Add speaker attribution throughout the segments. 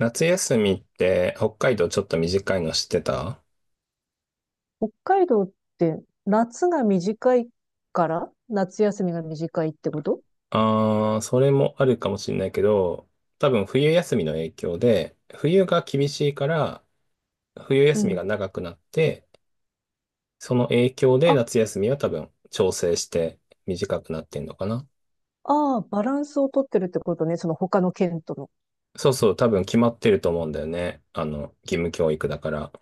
Speaker 1: 夏休みって北海道ちょっと短いの知ってた？
Speaker 2: 北海道って夏が短いから夏休みが短いってこと？
Speaker 1: それもあるかもしれないけど、多分冬休みの影響で、冬が厳しいから、冬
Speaker 2: う
Speaker 1: 休み
Speaker 2: ん。
Speaker 1: が長くなって、その影響で
Speaker 2: あ、
Speaker 1: 夏休みは多分調整して短くなってんのかな。
Speaker 2: ああ、バランスをとってるってことね。その他の県との。
Speaker 1: そうそう、多分決まってると思うんだよね。あの、義務教育だから。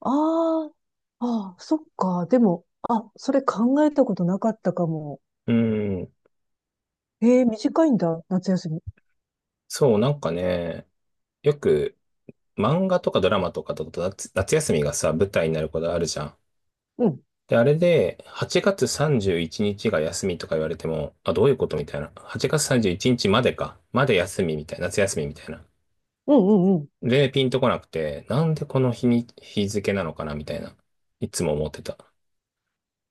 Speaker 2: ああ、ああ、そっか。でも、あ、それ考えたことなかったかも。
Speaker 1: うん、
Speaker 2: ええ、短いんだ、夏休み。
Speaker 1: そう、なんかね、よく漫画とかドラマとかだと夏休みがさ、舞台になることあるじゃん。
Speaker 2: うん。
Speaker 1: で、あれで、8月31日が休みとか言われても、あ、どういうことみたいな。8月31日までか。まで休みみたいな。夏休みみたいな。
Speaker 2: うんうんうん。
Speaker 1: で、ピンとこなくて、なんでこの日に、日付なのかなみたいな。いつも思ってた。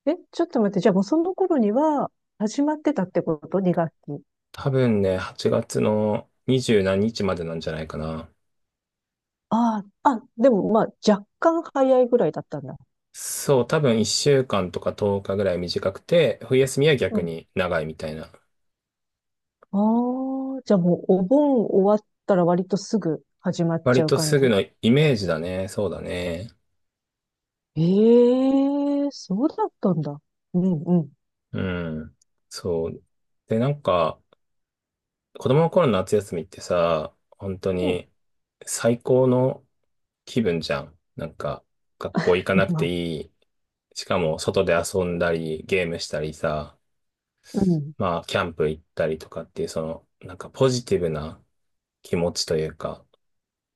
Speaker 2: え、ちょっと待って。じゃあもうその頃には始まってたってこと？ 2 学期。
Speaker 1: 多分ね、8月の20何日までなんじゃないかな。
Speaker 2: ああ、あ、でもまあ若干早いぐらいだったんだ。
Speaker 1: そう、多分1週間とか10日ぐらい短くて、冬休みは逆に長いみたいな。
Speaker 2: ああ、じゃあもうお盆終わったら割とすぐ始まっち
Speaker 1: 割
Speaker 2: ゃう
Speaker 1: と
Speaker 2: 感
Speaker 1: す
Speaker 2: じ。
Speaker 1: ぐのイメージだね。そうだね。
Speaker 2: ええ、そうだったんだ。うん、うん。
Speaker 1: うん。そう。で、なんか、子供の頃の夏休みってさ、本当
Speaker 2: うん。
Speaker 1: に最高の気分じゃん。なんか、学校行かな く
Speaker 2: ま
Speaker 1: て
Speaker 2: あ、
Speaker 1: いい。しかも、外で遊んだり、ゲームしたりさ、
Speaker 2: うん。
Speaker 1: まあ、キャンプ行ったりとかっていう、その、なんかポジティブな気持ちというか、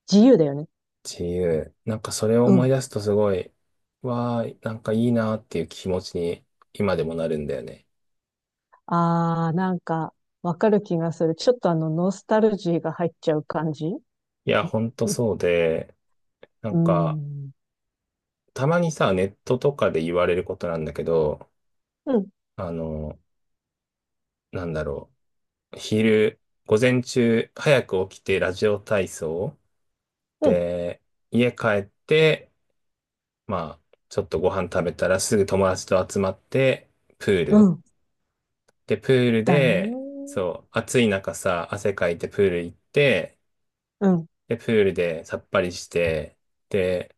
Speaker 2: 自由だよね。
Speaker 1: 自由。なんかそれを
Speaker 2: う
Speaker 1: 思い
Speaker 2: ん。
Speaker 1: 出すとすごい、わー、なんかいいなっていう気持ちに今でもなるんだよね。
Speaker 2: ああ、なんか、わかる気がする。ちょっとノスタルジーが入っちゃう感じ。
Speaker 1: いや、ほんとそうで、な
Speaker 2: う
Speaker 1: んか、
Speaker 2: ん。
Speaker 1: たまにさ、ネットとかで言われることなんだけど、
Speaker 2: うん。
Speaker 1: あの、なんだろう。午前中、早く起きてラジオ体操。
Speaker 2: うん。
Speaker 1: で、家帰って、まあ、ちょっとご飯食べたらすぐ友達と集まって、プー
Speaker 2: う
Speaker 1: ル。
Speaker 2: ん。
Speaker 1: で、プール
Speaker 2: だ
Speaker 1: で、
Speaker 2: ね。
Speaker 1: そう、暑い中さ、汗かいてプール行って、
Speaker 2: うん。
Speaker 1: で、プールでさっぱりして、で、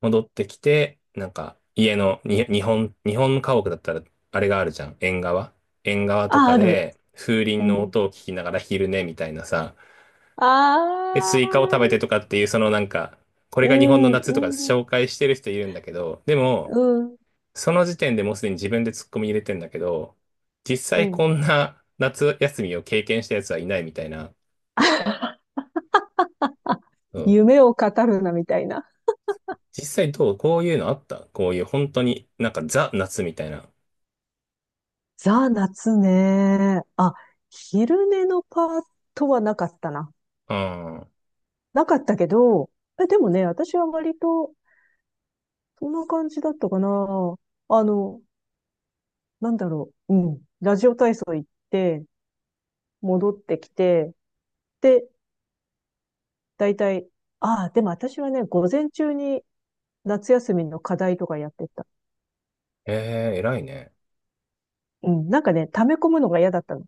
Speaker 1: 戻ってきて、なんか家のに、日本家屋だったらあれがあるじゃん。縁側。縁側と
Speaker 2: あ、
Speaker 1: か
Speaker 2: ある。
Speaker 1: で風鈴
Speaker 2: う
Speaker 1: の
Speaker 2: ん。
Speaker 1: 音を聞きながら昼寝みたいなさ。で、
Speaker 2: あ
Speaker 1: スイカを食べ
Speaker 2: あ、
Speaker 1: てとかっていう、そのなんか、これ
Speaker 2: う
Speaker 1: が日本の
Speaker 2: ん、
Speaker 1: 夏とか
Speaker 2: うん、
Speaker 1: 紹介してる人いるんだけど、でも、
Speaker 2: うん、
Speaker 1: その時点でもうすでに自分でツッコミ入れてんだけど、実
Speaker 2: う
Speaker 1: 際こ
Speaker 2: ん。
Speaker 1: んな夏休みを経験したやつはいないみたいな。うん。
Speaker 2: 夢を語るな、みたいな。
Speaker 1: 実際どうこういうのあったこういう本当になんかザ夏みたいな。
Speaker 2: ザ・夏ね。あ、昼寝のパートはなかったな。
Speaker 1: うん。
Speaker 2: なかったけど、え、でもね、私は割と、そんな感じだったかな。あの、なんだろう。うん。ラジオ体操行って、戻ってきて、で、大体、ああ、でも私はね、午前中に夏休みの課題とかやってた。
Speaker 1: ええー、偉いね。
Speaker 2: うん。なんかね、溜め込むのが嫌だったの。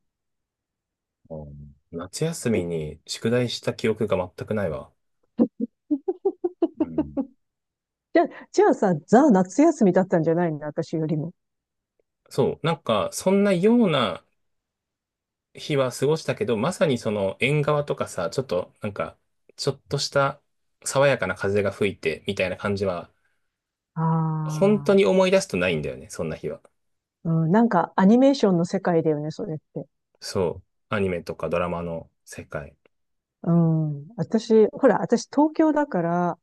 Speaker 1: あー、夏休み
Speaker 2: で、
Speaker 1: に宿題した記憶が全くないわ。うん。
Speaker 2: じゃあさ、ザ・夏休みだったんじゃないの？私よりも。
Speaker 1: そう、なんか、そんなような日は過ごしたけど、まさにその縁側とかさ、ちょっと、なんか、ちょっとした爽やかな風が吹いて、みたいな感じは、
Speaker 2: あ
Speaker 1: 本当に
Speaker 2: あ。
Speaker 1: 思い出すとないんだよね、そんな日は。
Speaker 2: うん、なんかアニメーションの世界だよね、それって。
Speaker 1: そう、アニメとかドラマの世界。
Speaker 2: うん。私、ほら、私東京だから、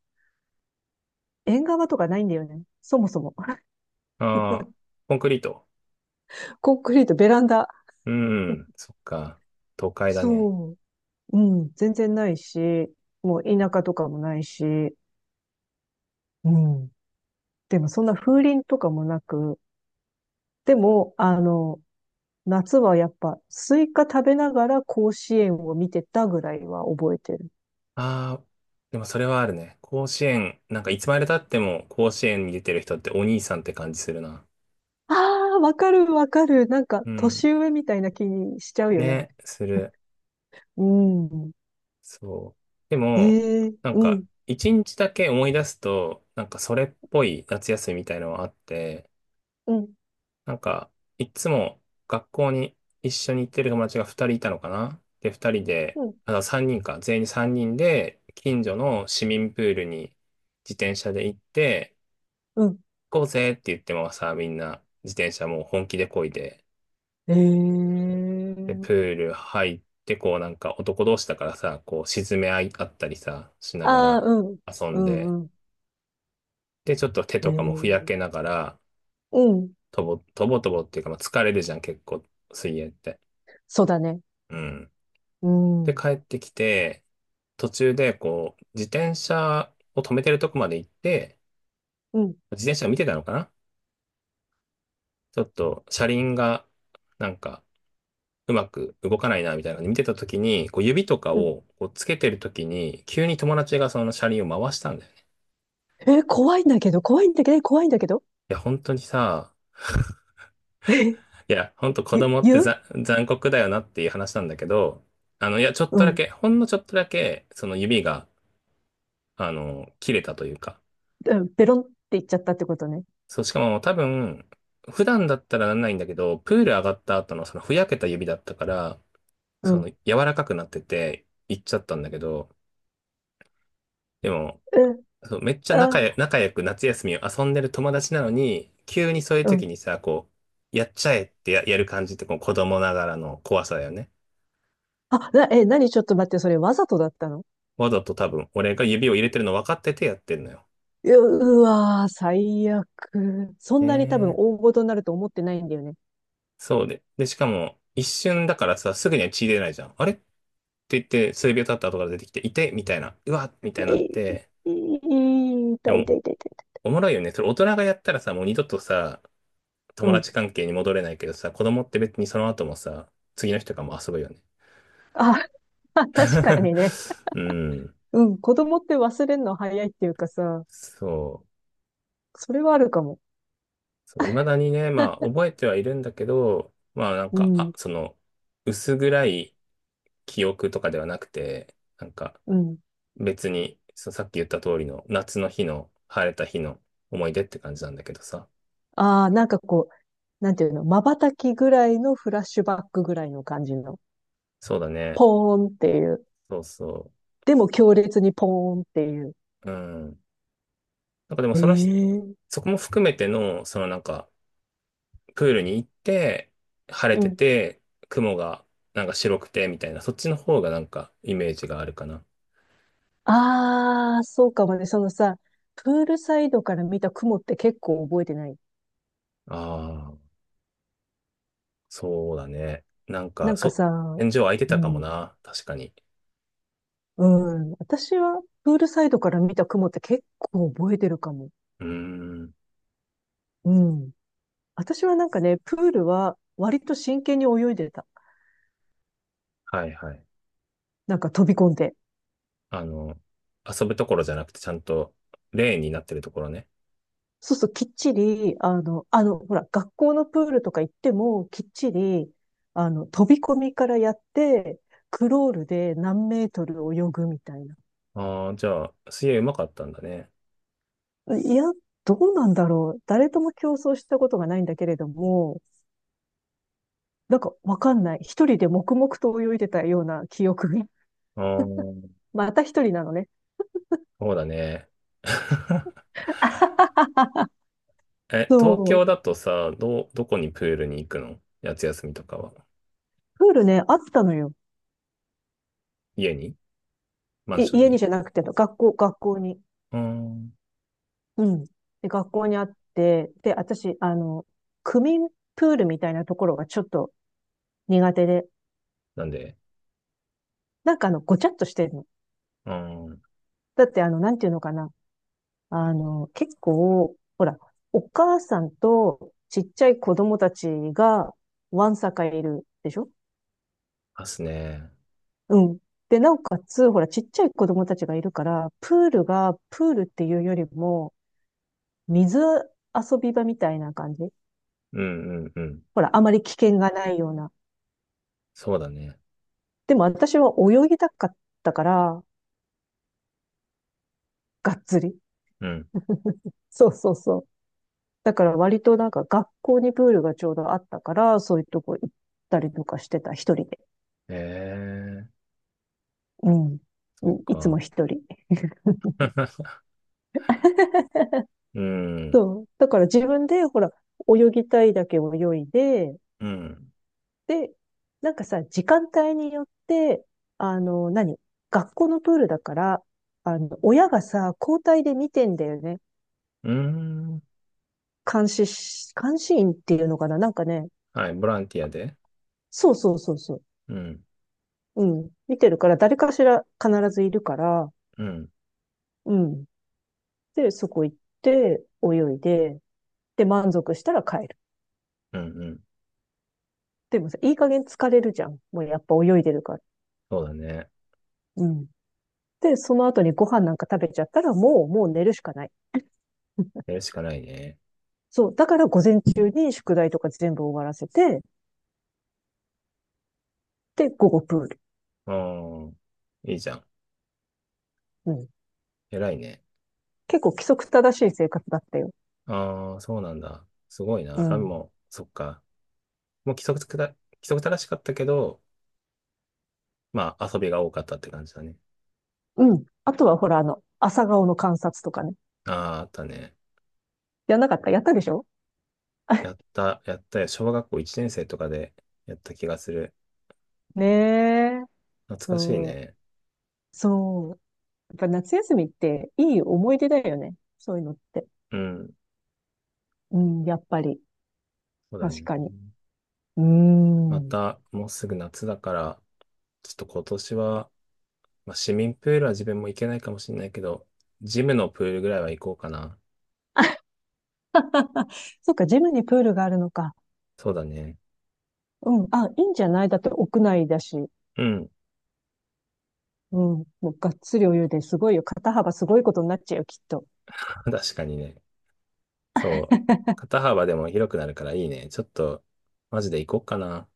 Speaker 2: 縁側とかないんだよね。そもそも。
Speaker 1: ああ、コンクリート。
Speaker 2: コンクリート、ベランダ。
Speaker 1: うん、そっか、都会だね。
Speaker 2: そう。うん。全然ないし、もう田舎とかもないし、うん。でもそんな風鈴とかもなく、でも、夏はやっぱスイカ食べながら甲子園を見てたぐらいは覚えてる。
Speaker 1: ああ、でもそれはあるね。甲子園、なんかいつまで経っても甲子園に出てる人ってお兄さんって感じするな。
Speaker 2: ああ、わかるわかる。なんか
Speaker 1: うん。
Speaker 2: 年上みたいな気にしちゃうよね。
Speaker 1: ね、する。
Speaker 2: うん。
Speaker 1: そう。でも、
Speaker 2: ええ、
Speaker 1: なん
Speaker 2: う
Speaker 1: か、
Speaker 2: ん、
Speaker 1: 一日だけ思い出すと、なんかそれっぽい夏休みみたいのはあって、
Speaker 2: うん、
Speaker 1: なんか、いつも学校に一緒に行ってる友達が二人いたのかな。で、二人で、
Speaker 2: うん。
Speaker 1: あ、三人か、全員三人で、近所の市民プールに自転車で行って、
Speaker 2: うん。
Speaker 1: こうぜって言ってもさ、みんな自転車もう本気で漕いで、
Speaker 2: え
Speaker 1: で、プ
Speaker 2: え、
Speaker 1: ール入って、こうなんか男同士だからさ、こう沈め合いあったりさ、しなが
Speaker 2: ああ、
Speaker 1: ら
Speaker 2: うん、
Speaker 1: 遊
Speaker 2: う
Speaker 1: んで、
Speaker 2: ん、うん。
Speaker 1: で、ちょっと手とかもふやけ
Speaker 2: ええ、
Speaker 1: ながら、
Speaker 2: うん。
Speaker 1: とぼとぼっていうか、まあ、疲れるじゃん、結構、水泳って。
Speaker 2: そうだね。
Speaker 1: うん。
Speaker 2: う
Speaker 1: で、
Speaker 2: ん。
Speaker 1: 帰ってきて、途中でこう、自転車を止めてるとこまで行って、
Speaker 2: うん、
Speaker 1: 自転車を見てたのかな。ちょっと車輪が、なんか、うまく動かないな、みたいなので見てた時に、こう指とか
Speaker 2: うん。
Speaker 1: をこうつけてる時に、急に友達がその車輪を回したんだよね。
Speaker 2: 怖いんだけど、怖いんだけど、怖いんだけど。
Speaker 1: いや、本当にさ、
Speaker 2: えー、
Speaker 1: いや、本当子
Speaker 2: ゆ、
Speaker 1: 供って
Speaker 2: 言う
Speaker 1: 残酷だよなっていう話なんだけど、あの、いや、ちょっ
Speaker 2: う
Speaker 1: とだ
Speaker 2: ん。
Speaker 1: け、ほんのちょっとだけ、その指が、あの、切れたというか、
Speaker 2: うん。ベロンって言っちゃったってことね。
Speaker 1: そう、しかも多分、普段だったらなんないんだけど、プール上がった後のそのふやけた指だったから、
Speaker 2: う
Speaker 1: そ
Speaker 2: ん。
Speaker 1: の柔らかくなってて、行っちゃったんだけど、でも、
Speaker 2: え、
Speaker 1: そう、めっちゃ仲や、
Speaker 2: あ、
Speaker 1: 仲良く夏休みを遊んでる友達なのに、急にそういう
Speaker 2: う
Speaker 1: 時
Speaker 2: ん。
Speaker 1: にさ、こう、やっちゃえってやる感じってこう子供ながらの怖さだよね。
Speaker 2: あ、何、ちょっと待って、それわざとだったの？
Speaker 1: わざと多分、俺が指を入れてるの分かっててやってんのよ。
Speaker 2: う、うわー、最悪。そ
Speaker 1: え
Speaker 2: んなに多分
Speaker 1: え。
Speaker 2: 大事になると思ってないんだよね。
Speaker 1: そうで。で、しかも、一瞬だからさ、すぐには血出ないじゃん。あれって言って、数秒経った後から出てきて、いてみたいな。うわみたいになっ
Speaker 2: い
Speaker 1: て。
Speaker 2: い、
Speaker 1: で
Speaker 2: 痛い
Speaker 1: も、
Speaker 2: 痛い痛い痛い。
Speaker 1: おもろいよね。それ大人がやったらさ、もう二度とさ、
Speaker 2: う
Speaker 1: 友達
Speaker 2: ん。
Speaker 1: 関係に戻れないけどさ、子供って別にその後もさ、次の日とかも遊ぶよね。
Speaker 2: あ、確かにね。
Speaker 1: うん。
Speaker 2: うん。子供って忘れるの早いっていうかさ、
Speaker 1: そう。
Speaker 2: それはあるかも。
Speaker 1: そう、未だにね、まあ、覚えてはいるんだけど、まあ、なん
Speaker 2: う
Speaker 1: か、あ、
Speaker 2: ん。
Speaker 1: その、薄暗い記憶とかではなくて、なんか、
Speaker 2: うん。
Speaker 1: 別に、そう、さっき言った通りの、夏の日の、晴れた日の思い出って感じなんだけどさ。
Speaker 2: ああ、なんかこう、なんていうの、瞬きぐらいのフラッシュバックぐらいの感じの。
Speaker 1: そうだね。
Speaker 2: ポーンっていう。
Speaker 1: そうそ
Speaker 2: でも強烈にポーンっていう。
Speaker 1: う。うん。なんかでも、
Speaker 2: え
Speaker 1: そのひ、
Speaker 2: え、
Speaker 1: そこも含めての、そのなんか、プールに行って、晴れ
Speaker 2: う
Speaker 1: て
Speaker 2: ん。
Speaker 1: て、雲が、なんか白くて、みたいな、そっちの方がなんか、イメージがあるかな。
Speaker 2: ああ、そうかもね。そのさ、プールサイドから見た雲って結構覚えてない？
Speaker 1: ああ、そうだね。なん
Speaker 2: な
Speaker 1: か、
Speaker 2: んかさ、
Speaker 1: 天井空いて
Speaker 2: う
Speaker 1: たかも
Speaker 2: ん。
Speaker 1: な。確かに。
Speaker 2: うん。私はプールサイドから見た雲って結構覚えてるかも。
Speaker 1: うーん。
Speaker 2: うん。私はなんかね、プールは割と真剣に泳いでた。
Speaker 1: はいはい。
Speaker 2: なんか飛び込んで。
Speaker 1: あの、遊ぶところじゃなくて、ちゃんとレーンになってるところね。
Speaker 2: そうそう、きっちり、ほら、学校のプールとか行っても、きっちり、飛び込みからやって、クロールで何メートル泳ぐみたいな。
Speaker 1: ああ、じゃあ、水泳うまかったんだね。
Speaker 2: いや、どうなんだろう。誰とも競争したことがないんだけれども、なんかわかんない。一人で黙々と泳いでたような記憶が。
Speaker 1: ああ、そ
Speaker 2: また一人なのね。
Speaker 1: うだね。え、東
Speaker 2: そ
Speaker 1: 京
Speaker 2: う。
Speaker 1: だとさ、どこにプールに行くの夏休みとかは？
Speaker 2: プールね、あったのよ。
Speaker 1: 家に？マンショ
Speaker 2: い、
Speaker 1: ン
Speaker 2: 家に
Speaker 1: に？
Speaker 2: じゃなくて、学校に。
Speaker 1: うーん。
Speaker 2: うん。で、学校にあって、で、私、区民プールみたいなところがちょっと苦手で、
Speaker 1: なんで？
Speaker 2: なんかごちゃっとしてるの。
Speaker 1: うーん。
Speaker 2: だって、なんていうのかな。結構、ほら、お母さんとちっちゃい子供たちが、わんさかいるでしょ。
Speaker 1: ますね。
Speaker 2: うん。で、なおかつ、ほら、ちっちゃい子供たちがいるから、プールっていうよりも、水遊び場みたいな感じ。
Speaker 1: うんうんうん。
Speaker 2: ほら、あまり危険がないような。
Speaker 1: そうだね。
Speaker 2: でも私は泳ぎたかったから、がっつり。
Speaker 1: うん。
Speaker 2: そうそうそう。だから割となんか学校にプールがちょうどあったから、そういうとこ行ったりとかしてた、一人で。
Speaker 1: ええ、
Speaker 2: うん。
Speaker 1: そ
Speaker 2: う
Speaker 1: っ
Speaker 2: ん。いつも
Speaker 1: か。
Speaker 2: 一人。
Speaker 1: うん、
Speaker 2: そう。だから自分で、ほら、泳ぎたいだけ泳いで、
Speaker 1: うん、
Speaker 2: で、なんかさ、時間帯によって、あの、何学校のプールだから、親がさ、交代で見てんだよね。
Speaker 1: うん。
Speaker 2: 監視員っていうのかな、なんかね。
Speaker 1: はい、ボランティアで。
Speaker 2: そうそうそうそう。
Speaker 1: うん、
Speaker 2: うん。見てるから、誰かしら必ずいるから、
Speaker 1: うん、
Speaker 2: うん。で、そこ行って、泳いで、で、満足したら帰る。
Speaker 1: うん、うん。
Speaker 2: でもさ、いい加減疲れるじゃん。もうやっぱ泳いでるから。
Speaker 1: そうだね。
Speaker 2: うん。で、その後にご飯なんか食べちゃったら、もう寝るしかない。
Speaker 1: やるしかないね。
Speaker 2: そう。だから午前中に宿題とか全部終わらせて、で、午後プール。
Speaker 1: ああ、いいじゃん。
Speaker 2: うん。
Speaker 1: 偉いね。
Speaker 2: 結構規則正しい生活だったよ。
Speaker 1: ああ、そうなんだ。すごい
Speaker 2: う
Speaker 1: な。あ、
Speaker 2: ん。
Speaker 1: もう、そっか。もう規則正しかったけど、まあ、遊びが多かったって感じだね。
Speaker 2: うん。あとはほら、朝顔の観察とかね。
Speaker 1: ああ、あったね。
Speaker 2: やんなかった？やったでしょ？
Speaker 1: や った、やったよ。小学校1年生とかでやった気がする。
Speaker 2: ねえ。
Speaker 1: 懐かしい
Speaker 2: そう。
Speaker 1: ね。
Speaker 2: そう。やっぱ夏休みっていい思い出だよね。そういうのって。
Speaker 1: うん、
Speaker 2: うん、やっぱり。
Speaker 1: そうだ
Speaker 2: 確
Speaker 1: ね。
Speaker 2: かに。うー
Speaker 1: ま
Speaker 2: ん。
Speaker 1: た、もうすぐ夏だから、ちょっと今年は、まあ、市民プールは自分も行けないかもしれないけど、ジムのプールぐらいは行こうかな。
Speaker 2: そっか、ジムにプールがあるのか。
Speaker 1: そうだね。
Speaker 2: うん。あ、いいんじゃない？だって屋内だし。
Speaker 1: うん。
Speaker 2: うん。もうがっつりお湯ですごいよ。肩幅すごいことになっちゃうよ、きっと。
Speaker 1: 確かにね。そう。肩幅でも広くなるからいいね。ちょっと、マジで行こうかな。